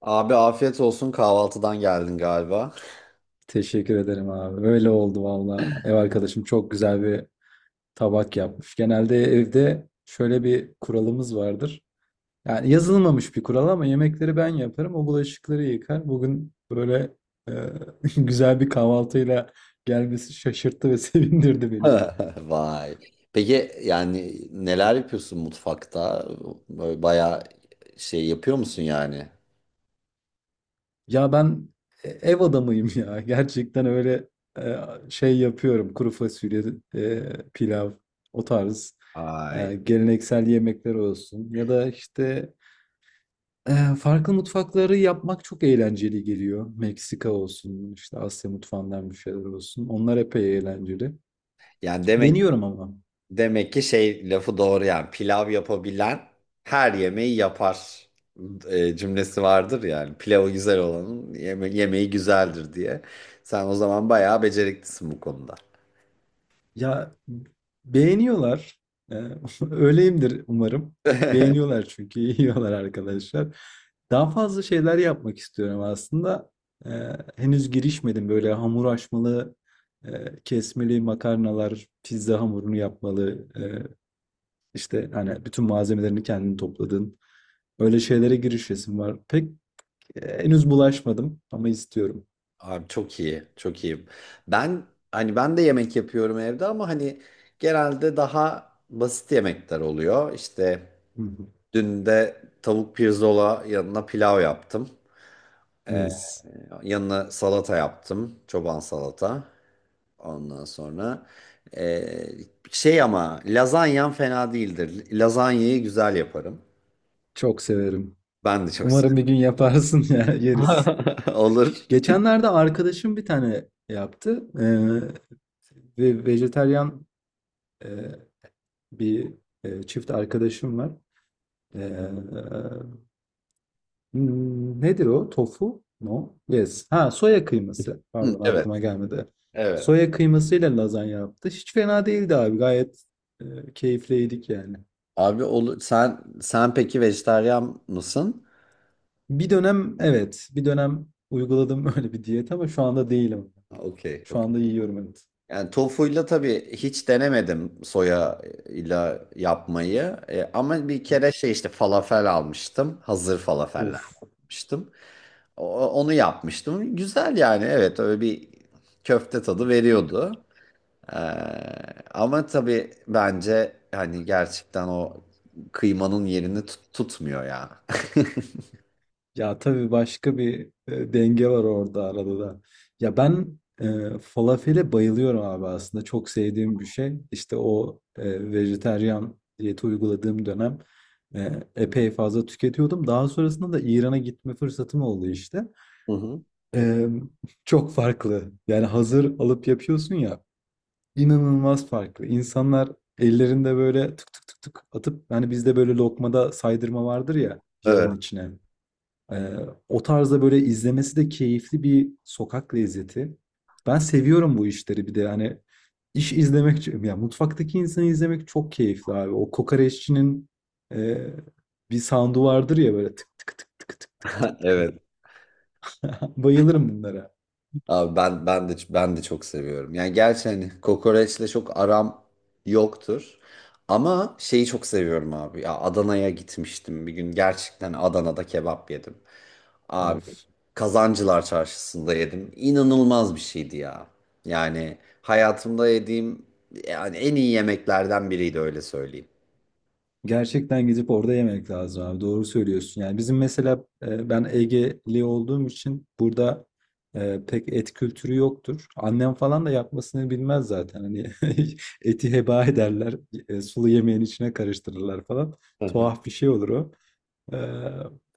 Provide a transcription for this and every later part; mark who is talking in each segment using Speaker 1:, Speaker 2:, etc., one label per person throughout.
Speaker 1: Abi afiyet olsun kahvaltıdan geldin galiba.
Speaker 2: Teşekkür ederim abi. Öyle oldu valla. Ev arkadaşım çok güzel bir tabak yapmış. Genelde evde şöyle bir kuralımız vardır. Yani yazılmamış bir kural ama yemekleri ben yaparım. O bulaşıkları yıkar. Bugün böyle e, güzel bir kahvaltıyla gelmesi şaşırttı ve sevindirdi beni.
Speaker 1: Vay. Peki yani neler yapıyorsun mutfakta? Böyle bayağı şey yapıyor musun yani?
Speaker 2: Ya ben ev adamıyım ya. Gerçekten öyle e, şey yapıyorum. Kuru fasulye, pilav, o tarz.
Speaker 1: Ay.
Speaker 2: Geleneksel yemekler olsun. Ya da farklı mutfakları yapmak çok eğlenceli geliyor. Meksika olsun, işte Asya mutfağından bir şeyler olsun. Onlar epey eğlenceli.
Speaker 1: Yani demek
Speaker 2: Deniyorum ama.
Speaker 1: demek ki şey lafı doğru yani pilav yapabilen her yemeği yapar cümlesi vardır yani. Pilavı güzel olanın yemeği güzeldir diye. Sen o zaman bayağı beceriklisin bu konuda.
Speaker 2: Ya beğeniyorlar. Eee, öyleyimdir umarım. Beğeniyorlar çünkü yiyorlar arkadaşlar. Daha fazla şeyler yapmak istiyorum aslında. Henüz girişmedim böyle hamur açmalı, kesmeli makarnalar, pizza hamurunu yapmalı. İşte hani bütün malzemelerini kendin topladın. Öyle şeylere girişesim var. Pek henüz bulaşmadım ama istiyorum.
Speaker 1: Abi çok iyi, çok iyi. Ben ben de yemek yapıyorum evde ama hani genelde daha basit yemekler oluyor. İşte
Speaker 2: Hı hı.
Speaker 1: dün de tavuk pirzola yanına pilav yaptım.
Speaker 2: Mis.
Speaker 1: Yanına salata yaptım, çoban salata. Ondan sonra eee, şey ama lazanyam fena değildir. Lazanyayı güzel yaparım.
Speaker 2: Çok severim.
Speaker 1: Ben de çok sev-
Speaker 2: Umarım bir gün yaparsın ya yeriz.
Speaker 1: Olur.
Speaker 2: Geçenlerde arkadaşım bir tane yaptı. Ve vejetaryen e, bir çift arkadaşım var. Ee, Nedir o? Tofu? No. Yes. Ha soya kıyması.
Speaker 1: Hı,
Speaker 2: Pardon
Speaker 1: evet,
Speaker 2: aklıma gelmedi.
Speaker 1: evet.
Speaker 2: Soya kıymasıyla lazanya yaptı. Hiç fena değildi abi. Gayet keyifliydik yani.
Speaker 1: Abi olur. Sen peki vejetaryen mısın?
Speaker 2: Bir dönem evet, bir dönem uyguladım öyle bir diyet ama şu anda değilim.
Speaker 1: Okey,
Speaker 2: Şu
Speaker 1: okey.
Speaker 2: anda yiyorum evet.
Speaker 1: Yani tofuyla tabii hiç denemedim soya ile yapmayı. E, ama bir kere şey işte falafel almıştım. Hazır falafeller
Speaker 2: Uf.
Speaker 1: almıştım. Onu yapmıştım. Güzel yani evet öyle bir köfte tadı veriyordu. E, ama tabii bence hani gerçekten o kıymanın yerini tutmuyor ya.
Speaker 2: Ya tabii başka bir denge var orada arada da. Ya ben falafele bayılıyorum abi aslında. Çok sevdiğim bir şey. İşte o vejetaryen diyeti uyguladığım dönem e, epey fazla tüketiyordum. Daha sonrasında da İran'a gitme fırsatım oldu işte.
Speaker 1: Hı hı.
Speaker 2: E, Çok farklı. Yani hazır alıp yapıyorsun ya. İnanılmaz farklı. İnsanlar ellerinde böyle tık tık tık tık atıp hani bizde böyle lokmada saydırma vardır ya
Speaker 1: Evet,
Speaker 2: yağın içine. Ee, O tarzda böyle izlemesi de keyifli bir sokak lezzeti. Ben seviyorum bu işleri bir de yani iş izlemek ya mutfaktaki insanı izlemek çok keyifli abi. O kokoreççinin e, bir sound'u vardır ya böyle tık tık tık tık tık tık tık. Tık.
Speaker 1: evet.
Speaker 2: Bayılırım bunlara.
Speaker 1: Abi ben de çok seviyorum. Yani gerçi hani kokoreçle çok aram yoktur. Ama şeyi çok seviyorum abi. Ya Adana'ya gitmiştim bir gün. Gerçekten Adana'da kebap yedim. Abi
Speaker 2: Of.
Speaker 1: Kazancılar Çarşısı'nda yedim. İnanılmaz bir şeydi ya. Yani hayatımda yediğim yani en iyi yemeklerden biriydi öyle söyleyeyim.
Speaker 2: Gerçekten gidip orada yemek lazım abi. Doğru söylüyorsun. Yani bizim mesela ben Egeli olduğum için burada pek et kültürü yoktur. Annem falan da yapmasını bilmez zaten. Hani eti heba ederler. Sulu yemeğin içine karıştırırlar falan.
Speaker 1: Hı
Speaker 2: Tuhaf bir şey olur o. E,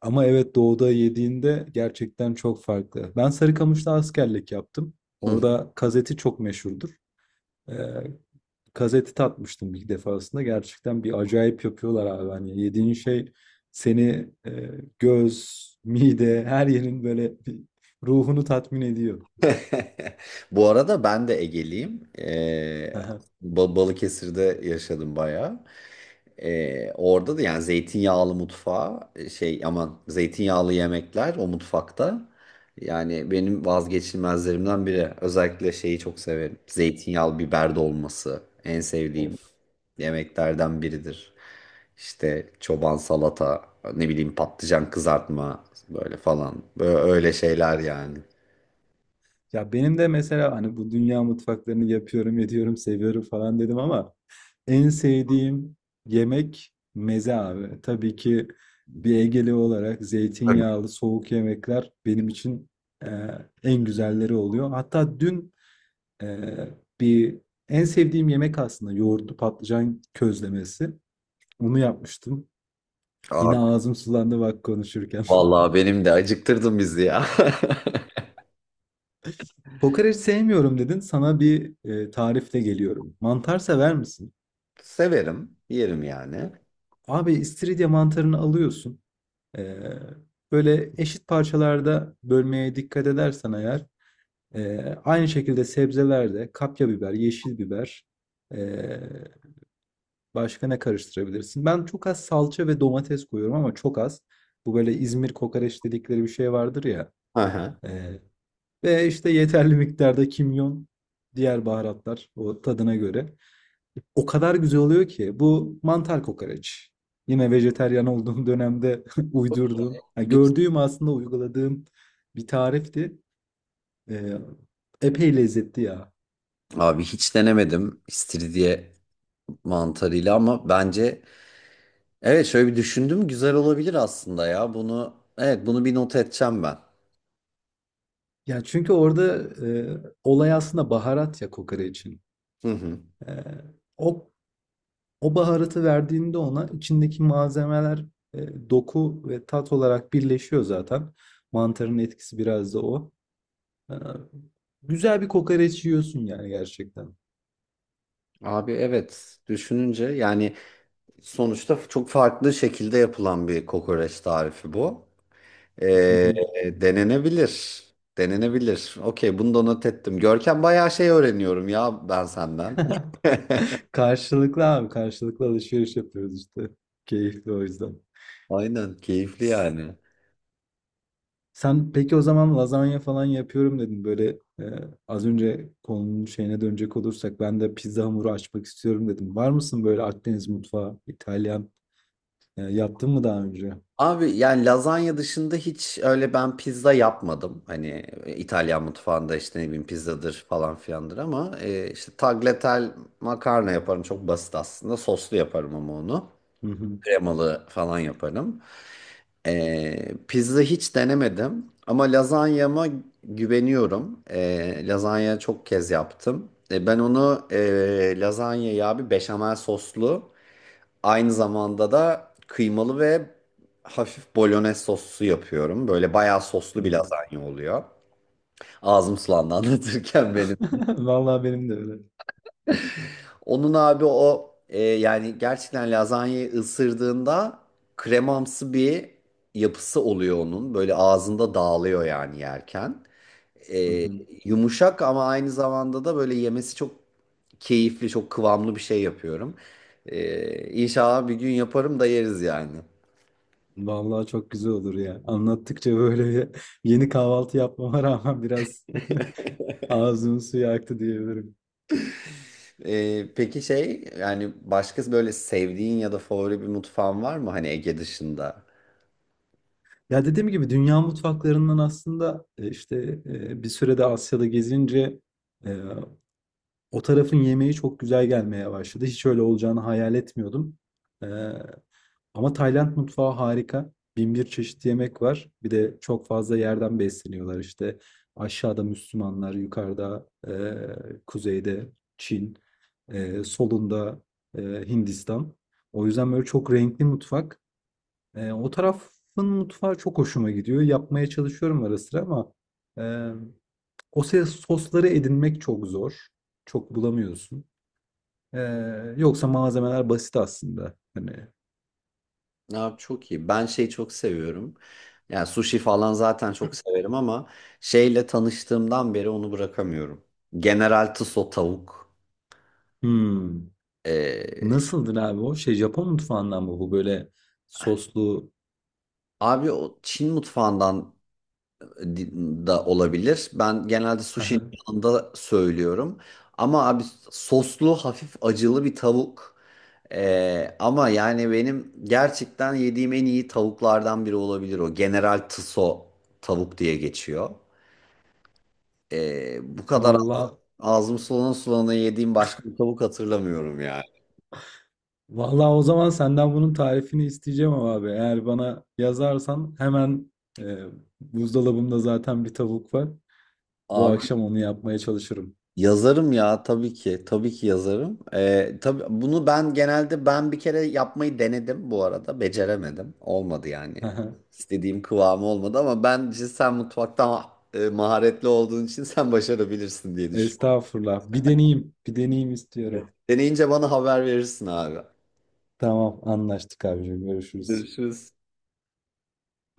Speaker 2: Ama evet doğuda yediğinde gerçekten çok farklı. Ben Sarıkamış'ta askerlik yaptım.
Speaker 1: hı.
Speaker 2: Orada kazeti çok meşhurdur. E, Kazeti tatmıştım bir defasında. Gerçekten bir acayip yapıyorlar abi. Hani yediğin şey seni göz, mide, her yerin böyle bir ruhunu tatmin ediyor.
Speaker 1: Bu arada ben de Egeliyim.
Speaker 2: Aha.
Speaker 1: Balıkesir'de yaşadım bayağı. Orada da yani zeytinyağlı mutfağı şey aman zeytinyağlı yemekler o mutfakta. Yani benim vazgeçilmezlerimden biri. Özellikle şeyi çok severim. Zeytinyağlı biber dolması en sevdiğim
Speaker 2: Of.
Speaker 1: yemeklerden biridir. İşte çoban salata, ne bileyim patlıcan kızartma böyle falan. Böyle öyle şeyler yani.
Speaker 2: Ya benim de mesela hani bu dünya mutfaklarını yapıyorum, ediyorum, seviyorum falan dedim ama en sevdiğim yemek meze abi. Tabii ki bir Egeli olarak zeytinyağlı soğuk yemekler benim için e, en güzelleri oluyor. Hatta dün Ee, bir en sevdiğim yemek aslında yoğurtlu patlıcan közlemesi. Onu yapmıştım. Yine
Speaker 1: Tabii.
Speaker 2: ağzım sulandı bak konuşurken.
Speaker 1: Vallahi benim de acıktırdın bizi ya.
Speaker 2: Kokoreç sevmiyorum dedin. Sana bir tarifle geliyorum. Mantar sever misin?
Speaker 1: Severim, yerim yani.
Speaker 2: Abi istiridye mantarını alıyorsun. Ee, Böyle eşit parçalarda bölmeye dikkat edersen eğer e, aynı şekilde sebzelerde kapya biber, yeşil biber, e, başka ne karıştırabilirsin? Ben çok az salça ve domates koyuyorum ama çok az. Bu böyle İzmir kokoreç dedikleri bir şey vardır ya.
Speaker 1: Aha.
Speaker 2: Ee, Ve işte yeterli miktarda kimyon, diğer baharatlar o tadına göre. O kadar güzel oluyor ki bu mantar kokoreç. Yine vejeteryan olduğum dönemde uydurduğum, yani
Speaker 1: Güzel.
Speaker 2: gördüğüm aslında uyguladığım bir tarifti. Ee, Epey lezzetli ya.
Speaker 1: Abi hiç denemedim istiridye mantarıyla ama bence evet şöyle bir düşündüm güzel olabilir aslında ya. Bunu evet bunu bir not edeceğim ben.
Speaker 2: Ya çünkü orada e, olay aslında baharat ya kokoreçin.
Speaker 1: Hı hı.
Speaker 2: Ee, o O baharatı verdiğinde ona içindeki malzemeler doku ve tat olarak birleşiyor zaten. Mantarın etkisi biraz da o. Ee, Güzel bir kokoreç yiyorsun yani gerçekten.
Speaker 1: Abi evet düşününce yani sonuçta çok farklı şekilde yapılan bir kokoreç tarifi bu. Ee, denenebilir. Denenebilir. Okey bunu da not ettim. Görkem bayağı şey öğreniyorum ya ben senden.
Speaker 2: Karşılıklı abi karşılıklı alışveriş yapıyoruz işte. Keyifli o yüzden.
Speaker 1: Aynen keyifli
Speaker 2: S-
Speaker 1: yani.
Speaker 2: Sen peki o zaman lazanya falan yapıyorum dedin. Böyle az önce konunun şeyine dönecek olursak ben de pizza hamuru açmak istiyorum dedim. Var mısın böyle Akdeniz mutfağı, İtalyan yaptın mı daha önce?
Speaker 1: Abi yani lazanya dışında hiç öyle ben pizza yapmadım. Hani İtalyan mutfağında işte ne bileyim pizzadır falan filandır ama işte tagliatelle makarna yaparım çok basit aslında. Soslu yaparım ama onu.
Speaker 2: Hı hı,
Speaker 1: Kremalı falan yaparım. E, pizza hiç denemedim ama lazanyama güveniyorum. E, lazanya çok kez yaptım. Ben onu lazanyayı abi beşamel soslu. Aynı zamanda da kıymalı ve hafif bolognese soslu yapıyorum. Böyle bayağı soslu
Speaker 2: hı
Speaker 1: bir
Speaker 2: hı.
Speaker 1: lazanya oluyor. Ağzım sulandı anlatırken benim.
Speaker 2: Vallahi benim de öyle.
Speaker 1: Onun abi o yani gerçekten lazanyayı ısırdığında kremamsı bir yapısı oluyor onun. Böyle ağzında dağılıyor yani yerken.
Speaker 2: Hı
Speaker 1: E,
Speaker 2: hı.
Speaker 1: yumuşak ama aynı zamanda da böyle yemesi çok keyifli, çok kıvamlı bir şey yapıyorum. E, İnşallah bir gün yaparım da yeriz yani.
Speaker 2: Vallahi çok güzel olur ya. Anlattıkça böyle yeni kahvaltı yapmama rağmen biraz ağzımın suyu aktı diyebilirim.
Speaker 1: Peki şey yani başka böyle sevdiğin ya da favori bir mutfağın var mı hani Ege dışında?
Speaker 2: Ya dediğim gibi dünya mutfaklarından aslında bir sürede Asya'da gezince e, o tarafın yemeği çok güzel gelmeye başladı. Hiç öyle olacağını hayal etmiyordum. Ee, Ama Tayland mutfağı harika. Bin bir çeşit yemek var. Bir de çok fazla yerden besleniyorlar işte. Aşağıda Müslümanlar, yukarıda kuzeyde Çin, solunda Hindistan. O yüzden böyle çok renkli mutfak. O tarafın mutfağı çok hoşuma gidiyor. Yapmaya çalışıyorum ara sıra ama e, sosları edinmek çok zor. Çok bulamıyorsun. Ee, Yoksa malzemeler basit aslında.
Speaker 1: Abi çok iyi. Ben şeyi çok seviyorum. Yani sushi falan zaten çok severim ama şeyle tanıştığımdan beri onu bırakamıyorum. General Tso tavuk.
Speaker 2: Hmm,
Speaker 1: Ee,
Speaker 2: Nasıldır abi o? Şey Japon mutfağından mı bu böyle soslu?
Speaker 1: abi o Çin mutfağından da olabilir. Ben genelde sushi'nin yanında söylüyorum. Ama abi soslu hafif acılı bir tavuk. Ama yani benim gerçekten yediğim en iyi tavuklardan biri olabilir o. General Tso tavuk diye geçiyor. Bu kadar
Speaker 2: Vallahi
Speaker 1: ağzım sulana sulana yediğim başka bir tavuk hatırlamıyorum yani.
Speaker 2: vallahi o zaman senden bunun tarifini isteyeceğim ama abi. Eğer bana yazarsan hemen e, buzdolabımda zaten bir tavuk var. Bu
Speaker 1: Abi
Speaker 2: akşam onu yapmaya çalışırım.
Speaker 1: yazarım ya tabii ki yazarım. Tabii bunu ben bir kere yapmayı denedim bu arada beceremedim. Olmadı yani. İstediğim kıvamı olmadı ama bence sen mutfaktan maharetli olduğun için sen başarabilirsin diye düşünüyorum.
Speaker 2: Estağfurullah. Bir deneyeyim. Bir deneyeyim istiyorum.
Speaker 1: Deneyince bana haber verirsin abi.
Speaker 2: Tamam anlaştık abicim. Görüşürüz.
Speaker 1: Görüşürüz.